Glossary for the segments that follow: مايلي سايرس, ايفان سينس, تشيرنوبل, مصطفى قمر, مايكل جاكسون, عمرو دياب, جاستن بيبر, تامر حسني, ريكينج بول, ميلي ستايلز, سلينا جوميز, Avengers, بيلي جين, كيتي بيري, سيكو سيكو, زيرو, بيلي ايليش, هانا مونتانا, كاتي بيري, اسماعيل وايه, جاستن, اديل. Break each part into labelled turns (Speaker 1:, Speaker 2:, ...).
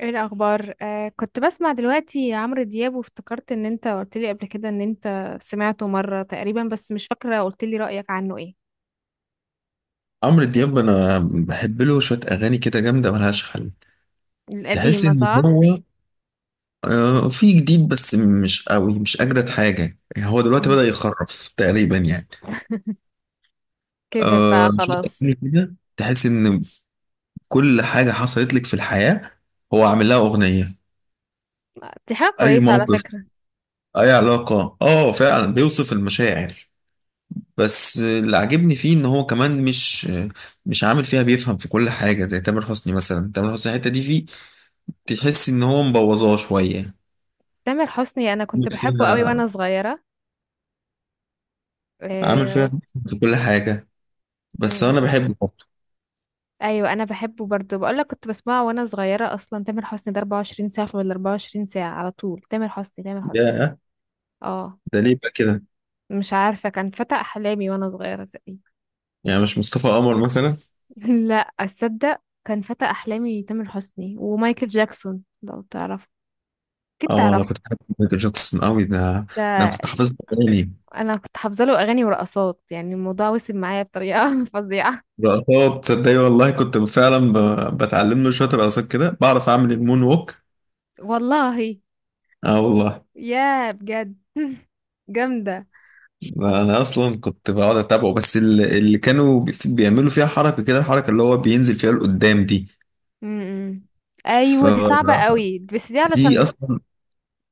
Speaker 1: ايه الاخبار، كنت بسمع دلوقتي عمرو دياب، وافتكرت ان انت قلت لي قبل كده ان انت سمعته مره تقريبا، بس مش فاكره، قلت لي رايك عنه ايه؟
Speaker 2: عمرو دياب انا بحب له شويه اغاني كده جامده ملهاش حل. تحس
Speaker 1: القديمه،
Speaker 2: ان
Speaker 1: صح؟
Speaker 2: هو في جديد بس مش قوي، مش اجدد حاجه يعني، هو دلوقتي بدأ
Speaker 1: مم.
Speaker 2: يخرف تقريبا يعني.
Speaker 1: كبر بقى،
Speaker 2: شويه
Speaker 1: خلاص.
Speaker 2: اغاني كده تحس ان كل حاجه حصلت لك في الحياه هو عامل لها اغنيه،
Speaker 1: دي حاجه
Speaker 2: اي
Speaker 1: كويسه على
Speaker 2: موقف
Speaker 1: فكره.
Speaker 2: اي علاقه، اه فعلا بيوصف المشاعر. بس اللي عاجبني فيه ان هو كمان مش عامل فيها بيفهم في كل حاجه زي تامر حسني مثلا. تامر حسني الحته دي فيه، تحس ان هو مبوظاه شويه،
Speaker 1: تامر حسني، انا كنت
Speaker 2: عامل
Speaker 1: بحبه قوي
Speaker 2: فيها
Speaker 1: وانا صغيره.
Speaker 2: عامل فيها
Speaker 1: آه.
Speaker 2: في كل حاجة.
Speaker 1: م-
Speaker 2: بس أنا
Speaker 1: م.
Speaker 2: بحبه برضه.
Speaker 1: ايوه، انا بحبه برضو، بقول لك كنت بسمعه وانا صغيره. اصلا تامر حسني ده 24 ساعه، ولا 24 ساعه، على طول تامر حسني تامر حسني.
Speaker 2: يا،
Speaker 1: اه.
Speaker 2: ده ليه بقى كده؟
Speaker 1: مش عارفه، كان فتى احلامي وانا صغيره.
Speaker 2: يعني مش مصطفى قمر مثلا؟
Speaker 1: لا اصدق، كان فتى احلامي تامر حسني ومايكل جاكسون، لو تعرف. اكيد
Speaker 2: اه، أنا
Speaker 1: تعرف.
Speaker 2: كنت بحب مايكل جاكسون قوي. ده أنا
Speaker 1: ده
Speaker 2: كنت حافظ أغاني.
Speaker 1: انا كنت حافظه له اغاني ورقصات، يعني الموضوع وصل معايا بطريقه فظيعه.
Speaker 2: رقصات، تصدقي والله كنت فعلا بتعلم له شوية رقصات كده، بعرف أعمل المون ووك.
Speaker 1: والله؟
Speaker 2: اه والله.
Speaker 1: يا بجد! جامده.
Speaker 2: ده أنا أصلا كنت بقعد أتابعه، بس اللي كانوا بيعملوا فيها حركة كده، الحركة اللي هو بينزل فيها لقدام دي.
Speaker 1: م-م. ايوه، دي صعبه قوي،
Speaker 2: فدي
Speaker 1: بس دي علشان.
Speaker 2: أصلا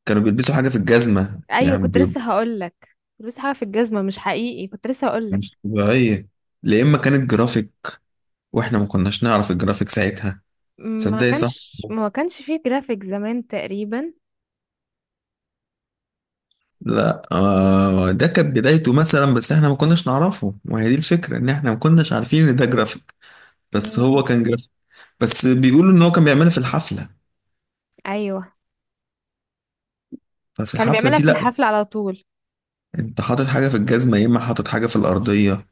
Speaker 2: كانوا بيلبسوا حاجة في الجزمة
Speaker 1: ايوه،
Speaker 2: يعني،
Speaker 1: كنت لسه هقول لك، فلوس حاجه في الجزمه مش حقيقي، كنت لسه هقول
Speaker 2: مش
Speaker 1: لك.
Speaker 2: طبيعية. لا، إما كانت جرافيك، وإحنا ما كناش نعرف الجرافيك ساعتها.
Speaker 1: ما
Speaker 2: تصدقي؟ صح؟
Speaker 1: كانش ما كانش فيه جرافيك زمان تقريبا.
Speaker 2: لا آه، ده كانت بدايته مثلا، بس إحنا ما كناش نعرفه، وهي دي الفكرة، إن إحنا ما كناش عارفين إن ده جرافيك. بس
Speaker 1: م.
Speaker 2: هو كان جرافيك. بس بيقولوا إن هو كان بيعملها في الحفلة.
Speaker 1: ايوه،
Speaker 2: ففي
Speaker 1: كانوا
Speaker 2: الحفلة
Speaker 1: بيعملها
Speaker 2: دي
Speaker 1: في
Speaker 2: لأ.
Speaker 1: الحفله على طول.
Speaker 2: أنت حاطط حاجة في الجزمة، يا إما حاطط حاجة في الأرضية.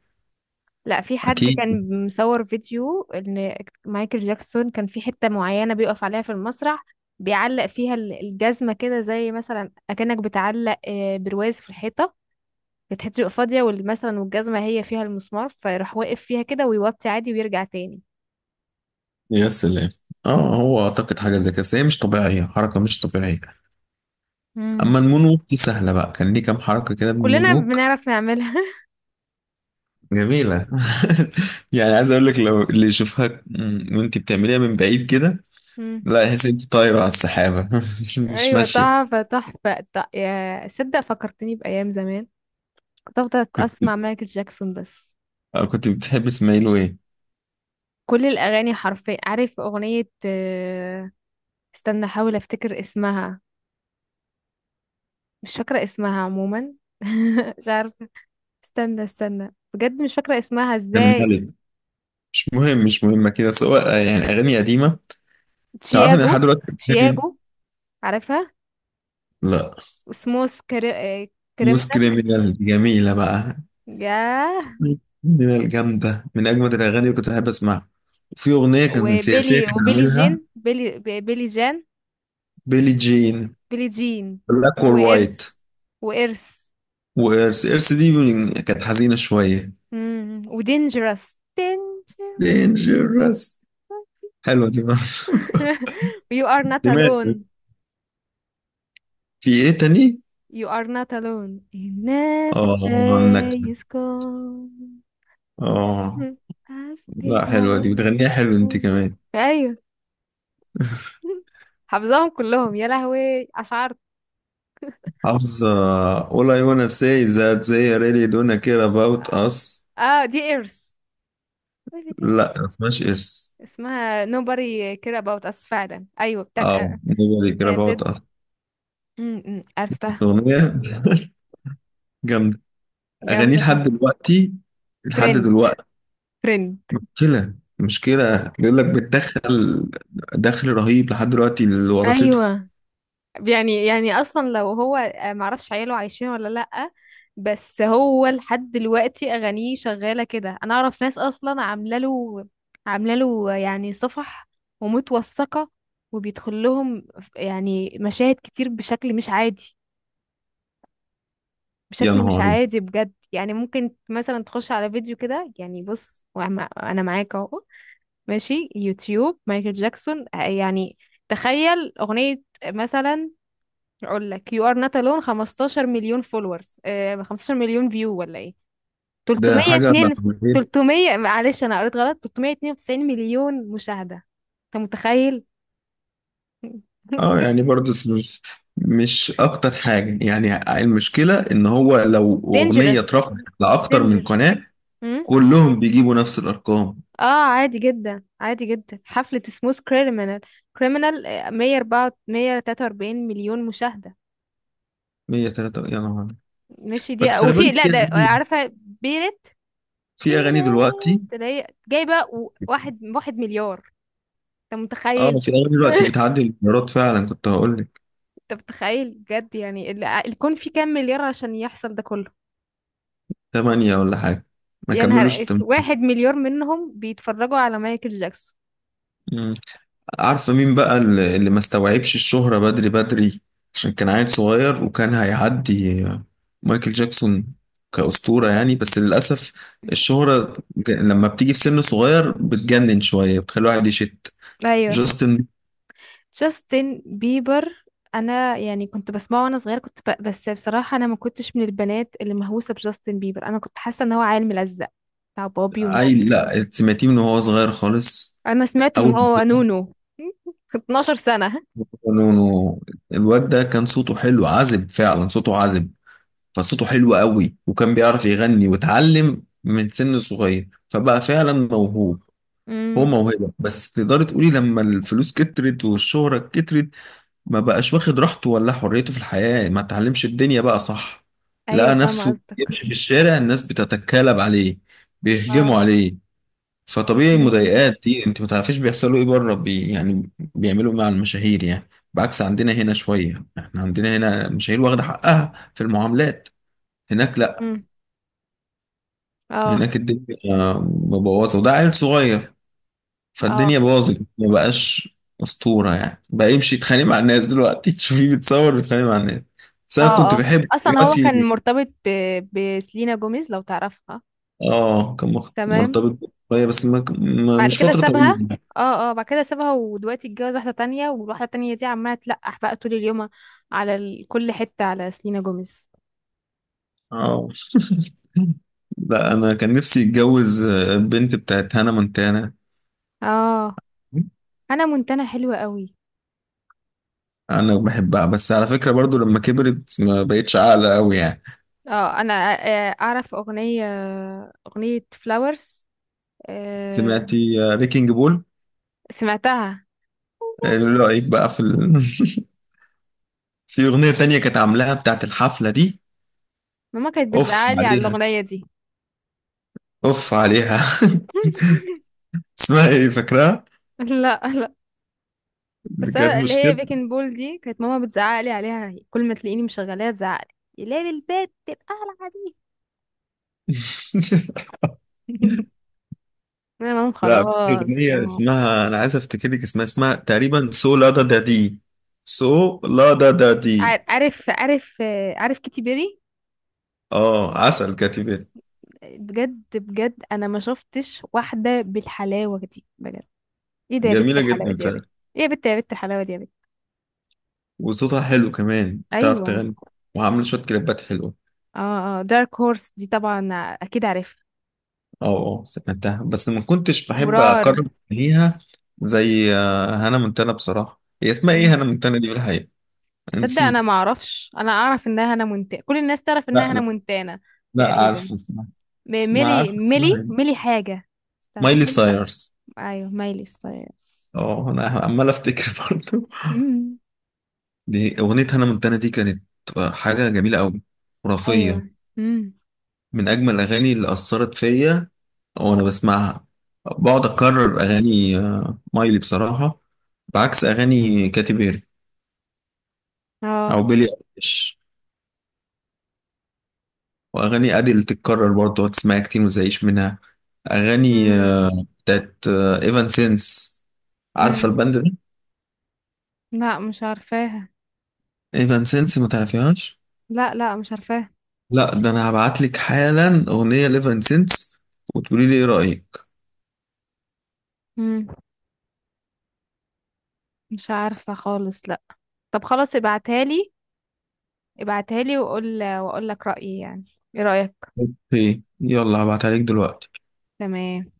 Speaker 1: لا، في حد
Speaker 2: أكيد.
Speaker 1: كان مصور فيديو ان مايكل جاكسون كان في حتة معينة بيقف عليها في المسرح. بيعلق فيها الجزمة كده، زي مثلا اكنك بتعلق برواز في الحيطة. كانت حتة تبقى فاضية، مثلا والجزمة هي فيها المسمار، فيروح واقف فيها كده ويوطي عادي ويرجع تاني.
Speaker 2: يا سلام. اه، هو اعتقد حاجه زي كده، بس هي مش طبيعيه، حركه مش طبيعيه.
Speaker 1: امم.
Speaker 2: اما المون ووك دي سهله بقى، كان ليه كام حركه كده
Speaker 1: كلنا
Speaker 2: بالمونوك.
Speaker 1: بنعرف نعملها.
Speaker 2: جميلة. يعني عايز اقول لك، لو اللي يشوفها وانت بتعمليها من بعيد كده
Speaker 1: امم.
Speaker 2: لا يحس انت طايرة على السحابة، مش
Speaker 1: ايوه،
Speaker 2: ماشية.
Speaker 1: تحفة تحفة، يا صدق فكرتني بأيام زمان. كنت افضل
Speaker 2: كنت،
Speaker 1: اسمع مايكل جاكسون بس.
Speaker 2: أو كنت بتحب اسماعيل وايه؟
Speaker 1: كل الاغاني حرفيا، عارف اغنية استنى احاول افتكر اسمها. مش فاكرة اسمها عموما. مش عارفة. استنى استنى بجد، مش فاكرة اسمها
Speaker 2: كان
Speaker 1: ازاي.
Speaker 2: ملك. مش مهم، مش مهمة كده، سواء يعني اغاني قديمة. تعرف ان
Speaker 1: تشياجو.
Speaker 2: لحد دلوقتي أغاني-.
Speaker 1: تشياجو. عارفها.
Speaker 2: لا.
Speaker 1: وسموس
Speaker 2: نص
Speaker 1: كريمنال.
Speaker 2: كريمينال، جميلة بقى.
Speaker 1: ياه.
Speaker 2: نوس كريمينال جامدة، من اجمد الاغاني اللي كنت بحب اسمعها. وفي اغنية كانت سياسية
Speaker 1: وبيلي
Speaker 2: كان
Speaker 1: وبيلي
Speaker 2: عاملها.
Speaker 1: جين، بيلي جان.
Speaker 2: بيلي جين.
Speaker 1: بيلي جين.
Speaker 2: بلاك اور وايت.
Speaker 1: وإرث وإرث.
Speaker 2: وإرث، إرث دي كانت حزينة شوية.
Speaker 1: ودينجرس دينجرس.
Speaker 2: دينجرس، حلوة دي برضه.
Speaker 1: you are not
Speaker 2: دماغي،
Speaker 1: alone.
Speaker 2: في ايه تاني؟
Speaker 1: You are not alone. Never
Speaker 2: اه
Speaker 1: day
Speaker 2: النكد.
Speaker 1: is gone.
Speaker 2: اه.
Speaker 1: I still
Speaker 2: لا، حلوة دي،
Speaker 1: love
Speaker 2: بتغنيها حلو انت
Speaker 1: you.
Speaker 2: كمان.
Speaker 1: ايوه. حافظاهم كلهم يا لهوي! اشعرت.
Speaker 2: حافظة all I wanna say is that they really don't care about us.
Speaker 1: اه، دي ايرث.
Speaker 2: لا، ما اسمهاش إرس.
Speaker 1: اسمها nobody care about us فعلا، ايوه، بتاعت.
Speaker 2: اه، nobody care
Speaker 1: and
Speaker 2: about us.
Speaker 1: did- م- م،
Speaker 2: كانت
Speaker 1: عرفتها.
Speaker 2: أغنية جامدة. أغانيه
Speaker 1: جامده
Speaker 2: لحد
Speaker 1: فعلا.
Speaker 2: دلوقتي، لحد
Speaker 1: ترند.
Speaker 2: دلوقتي.
Speaker 1: ترند.
Speaker 2: مشكلة، مشكلة بيقول لك بتدخل. دخل رهيب لحد دلوقتي، اللي ورثته.
Speaker 1: ايوه. يعني اصلا لو هو معرفش عياله عايشين ولا لأ. بس هو لحد دلوقتي اغانيه شغاله كده، انا اعرف ناس اصلا عامله له. عامله له يعني صفح. ومتوثقه. وبيدخل لهم. يعني مشاهد كتير بشكل مش عادي.
Speaker 2: يا
Speaker 1: بشكل مش
Speaker 2: نهاري.
Speaker 1: عادي بجد، يعني ممكن مثلا تخش على فيديو كده، يعني بص، انا معاك اهو. ماشي يوتيوب مايكل جاكسون، يعني. تخيل اغنيه مثلا. اقول لك يو ار نوت الون 15 مليون فولورز، 15 مليون فيو، ولا ايه؟
Speaker 2: ده حاجة.
Speaker 1: 302. 300، معلش انا قريت غلط، 392 مليون مشاهدة. انت متخيل؟
Speaker 2: اه يعني برضه مش اكتر حاجة، يعني المشكلة ان هو لو اغنية
Speaker 1: دينجرس.
Speaker 2: اترفعت لاكتر من
Speaker 1: دينجرس.
Speaker 2: قناة،
Speaker 1: امم.
Speaker 2: كلهم بيجيبوا نفس الارقام.
Speaker 1: اه. عادي جدا عادي جدا، حفلة سموث كريمنال. 104، 143 مليون مشاهدة.
Speaker 2: 103، يا نهار.
Speaker 1: ماشي، دي
Speaker 2: بس
Speaker 1: او
Speaker 2: خلي
Speaker 1: في،
Speaker 2: بالك،
Speaker 1: لا ده عارفة بيرت.
Speaker 2: في اغاني دلوقتي.
Speaker 1: بيرت اللي هي جايبة واحد مليار. انت
Speaker 2: اه،
Speaker 1: متخيل؟
Speaker 2: في اغاني دلوقتي بتعدي المليارات فعلا، كنت هقول لك.
Speaker 1: انت متخيل بجد؟ يعني الكون فيه كام مليار عشان يحصل ده كله.
Speaker 2: 8 ولا حاجة، ما
Speaker 1: يعني
Speaker 2: كملوش
Speaker 1: واحد مليار منهم بيتفرجوا على مايكل جاكسون.
Speaker 2: 8. عارفة مين بقى اللي ما استوعبش الشهرة بدري بدري؟ عشان كان عيل صغير وكان هيعدي مايكل جاكسون كأسطورة يعني، بس للأسف الشهرة لما بتيجي في سن صغير بتجنن شوية، بتخلي الواحد يشت.
Speaker 1: ايوه.
Speaker 2: جاستن.
Speaker 1: جاستن بيبر. انا يعني كنت بسمعه وانا صغيره، كنت بس بصراحه انا ما كنتش من البنات اللي مهووسه بجاستن بيبر، انا كنت حاسه ان هو عيل ملزق. بتاع بابي ومامي.
Speaker 2: عيل، لا سمعتيه من وهو صغير خالص.
Speaker 1: انا سمعته من
Speaker 2: أول
Speaker 1: هو نونو. 12 سنه.
Speaker 2: ما كانوا- الواد ده كان صوته حلو عذب فعلا، صوته عذب، فصوته حلو قوي، وكان بيعرف يغني واتعلم من سن صغير، فبقى فعلا موهوب. هو
Speaker 1: امم.
Speaker 2: موهبة، بس تقدري تقولي لما الفلوس كترت والشهرة كترت ما بقاش واخد راحته ولا حريته في الحياة، ما تعلمش الدنيا بقى، صح.
Speaker 1: ايوه،
Speaker 2: لقى
Speaker 1: فاهمه
Speaker 2: نفسه
Speaker 1: قصدك.
Speaker 2: يمشي في الشارع، الناس بتتكالب عليه، بيهجموا
Speaker 1: اه.
Speaker 2: عليه. فطبيعي،
Speaker 1: امم.
Speaker 2: مضايقات دي انت ما تعرفيش بيحصلوا ايه بره بي، يعني بيعملوا إيه مع المشاهير يعني، بعكس عندنا هنا شوية. احنا عندنا هنا المشاهير واخدة حقها في المعاملات، هناك لا.
Speaker 1: امم. اه.
Speaker 2: هناك الدنيا مبوظة، وده عيل صغير،
Speaker 1: اه.
Speaker 2: فالدنيا باظت، ما بقاش اسطوره، يعني بقى يمشي يتخانق مع الناس، دلوقتي تشوفيه بيتصور بيتخانق مع الناس. بس انا كنت
Speaker 1: اه. اه.
Speaker 2: بحب
Speaker 1: اصلا هو كان
Speaker 2: دلوقتي.
Speaker 1: مرتبط بسلينا جوميز، لو تعرفها.
Speaker 2: اه كان
Speaker 1: تمام.
Speaker 2: مرتبط شويه، بس
Speaker 1: بعد
Speaker 2: مش
Speaker 1: كده
Speaker 2: فتره طويله
Speaker 1: سابها.
Speaker 2: يعني.
Speaker 1: اه، اه، بعد كده سابها، ودلوقتي اتجوز واحدة تانية، والواحدة التانية دي عمالة تلقح بقى طول اليوم. على كل حتة على سلينا جوميز.
Speaker 2: اه. لا، انا كان نفسي اتجوز البنت بتاعت هانا مونتانا.
Speaker 1: اه. انا منتنة حلوة قوي.
Speaker 2: انا بحبها، بس على فكره برضو لما كبرت ما بقتش عاقله قوي يعني.
Speaker 1: اه. انا اعرف اغنية. اغنية فلاورز.
Speaker 2: سمعتي ريكينج بول؟
Speaker 1: سمعتها.
Speaker 2: ايه رايك بقى في ال...؟ في اغنيه تانية كانت عاملاها بتاعت الحفله دي.
Speaker 1: ماما كانت
Speaker 2: اوف
Speaker 1: بتزعلي على
Speaker 2: عليها،
Speaker 1: الاغنية دي.
Speaker 2: اوف عليها. اسمها ايه؟ فاكرها؟
Speaker 1: لا، لا. بس
Speaker 2: كانت
Speaker 1: انا اللي هي
Speaker 2: مشكله.
Speaker 1: بيكن بول دي، كانت ماما بتزعق لي عليها، كل ما تلاقيني مشغلاها تزعق لي ليه البيت تبقى على دي. انا ماما،
Speaker 2: لا، في
Speaker 1: خلاص يا
Speaker 2: اغنيه
Speaker 1: ماما.
Speaker 2: اسمها، انا عايز افتكر لك اسمها، اسمها تقريبا سو لا دا دا دي، سو لا دا دا دي.
Speaker 1: عارف كيتي بيري؟
Speaker 2: اه، عسل كاتبة.
Speaker 1: بجد بجد، انا ما شفتش واحده بالحلاوه دي بجد. ايه ده يا بت،
Speaker 2: جميله
Speaker 1: الحلاوه
Speaker 2: جدا
Speaker 1: دي يا
Speaker 2: فعلا.
Speaker 1: بت! ايه يا بت، يا بت الحلاوه دي يا بت!
Speaker 2: وصوتها حلو كمان، تعرف
Speaker 1: ايوه.
Speaker 2: تغني. وعامله شويه كليبات حلوه.
Speaker 1: اه، اه، دارك هورس دي طبعا. اكيد عارفها.
Speaker 2: اه اه، سمعتها بس ما كنتش بحب
Speaker 1: مرار.
Speaker 2: اقرب ليها. زي هانا منتنه بصراحه، هي اسمها ايه
Speaker 1: مم.
Speaker 2: هانا منتنه دي في الحقيقه؟
Speaker 1: تصدق؟ انا ما
Speaker 2: نسيت.
Speaker 1: اعرفش. انا اعرف انها هنا منتانه، كل الناس تعرف انها هنا
Speaker 2: لا،
Speaker 1: منتانه.
Speaker 2: لا
Speaker 1: تقريبا.
Speaker 2: عارفه بصراحة، بس ما
Speaker 1: ميلي
Speaker 2: عارفه اسمها
Speaker 1: ميلي
Speaker 2: يعني.
Speaker 1: ميلي حاجة. استنى،
Speaker 2: مايلي
Speaker 1: ميلي.
Speaker 2: سايرس.
Speaker 1: ايوه، ميلي ستايلز.
Speaker 2: اه، انا عمال افتكر برضه.
Speaker 1: امم.
Speaker 2: دي اغنيه هانا مونتانا دي كانت حاجه جميله قوي،
Speaker 1: ايوه.
Speaker 2: خرافيه،
Speaker 1: امم.
Speaker 2: من اجمل الاغاني اللي اثرت فيا وانا بسمعها. بقعد اكرر اغاني مايلي بصراحه، بعكس اغاني كاتي بيري
Speaker 1: اه.
Speaker 2: او بيلي ايليش. واغاني اديل تتكرر برضه، تقعد تسمعها كتير ما تزهقش منها. اغاني
Speaker 1: امم.
Speaker 2: بتاعت ايفان سينس، عارفه
Speaker 1: امم.
Speaker 2: الباند ده؟
Speaker 1: لا، مش عارفاها.
Speaker 2: ايفان سينس، ما تعرفيهاش؟
Speaker 1: لا، لا، مش عارفاها.
Speaker 2: لا، ده انا هبعت لك حالا اغنيه ليفن سينس، وتقولي لي ايه رايك.
Speaker 1: امم. مش عارفة خالص، لا. طب خلاص، ابعتها لي. ابعتها لي واقول لك رأيي يعني. ايه رأيك؟
Speaker 2: ايه، يلا هبعتها لك دلوقتي.
Speaker 1: تمام.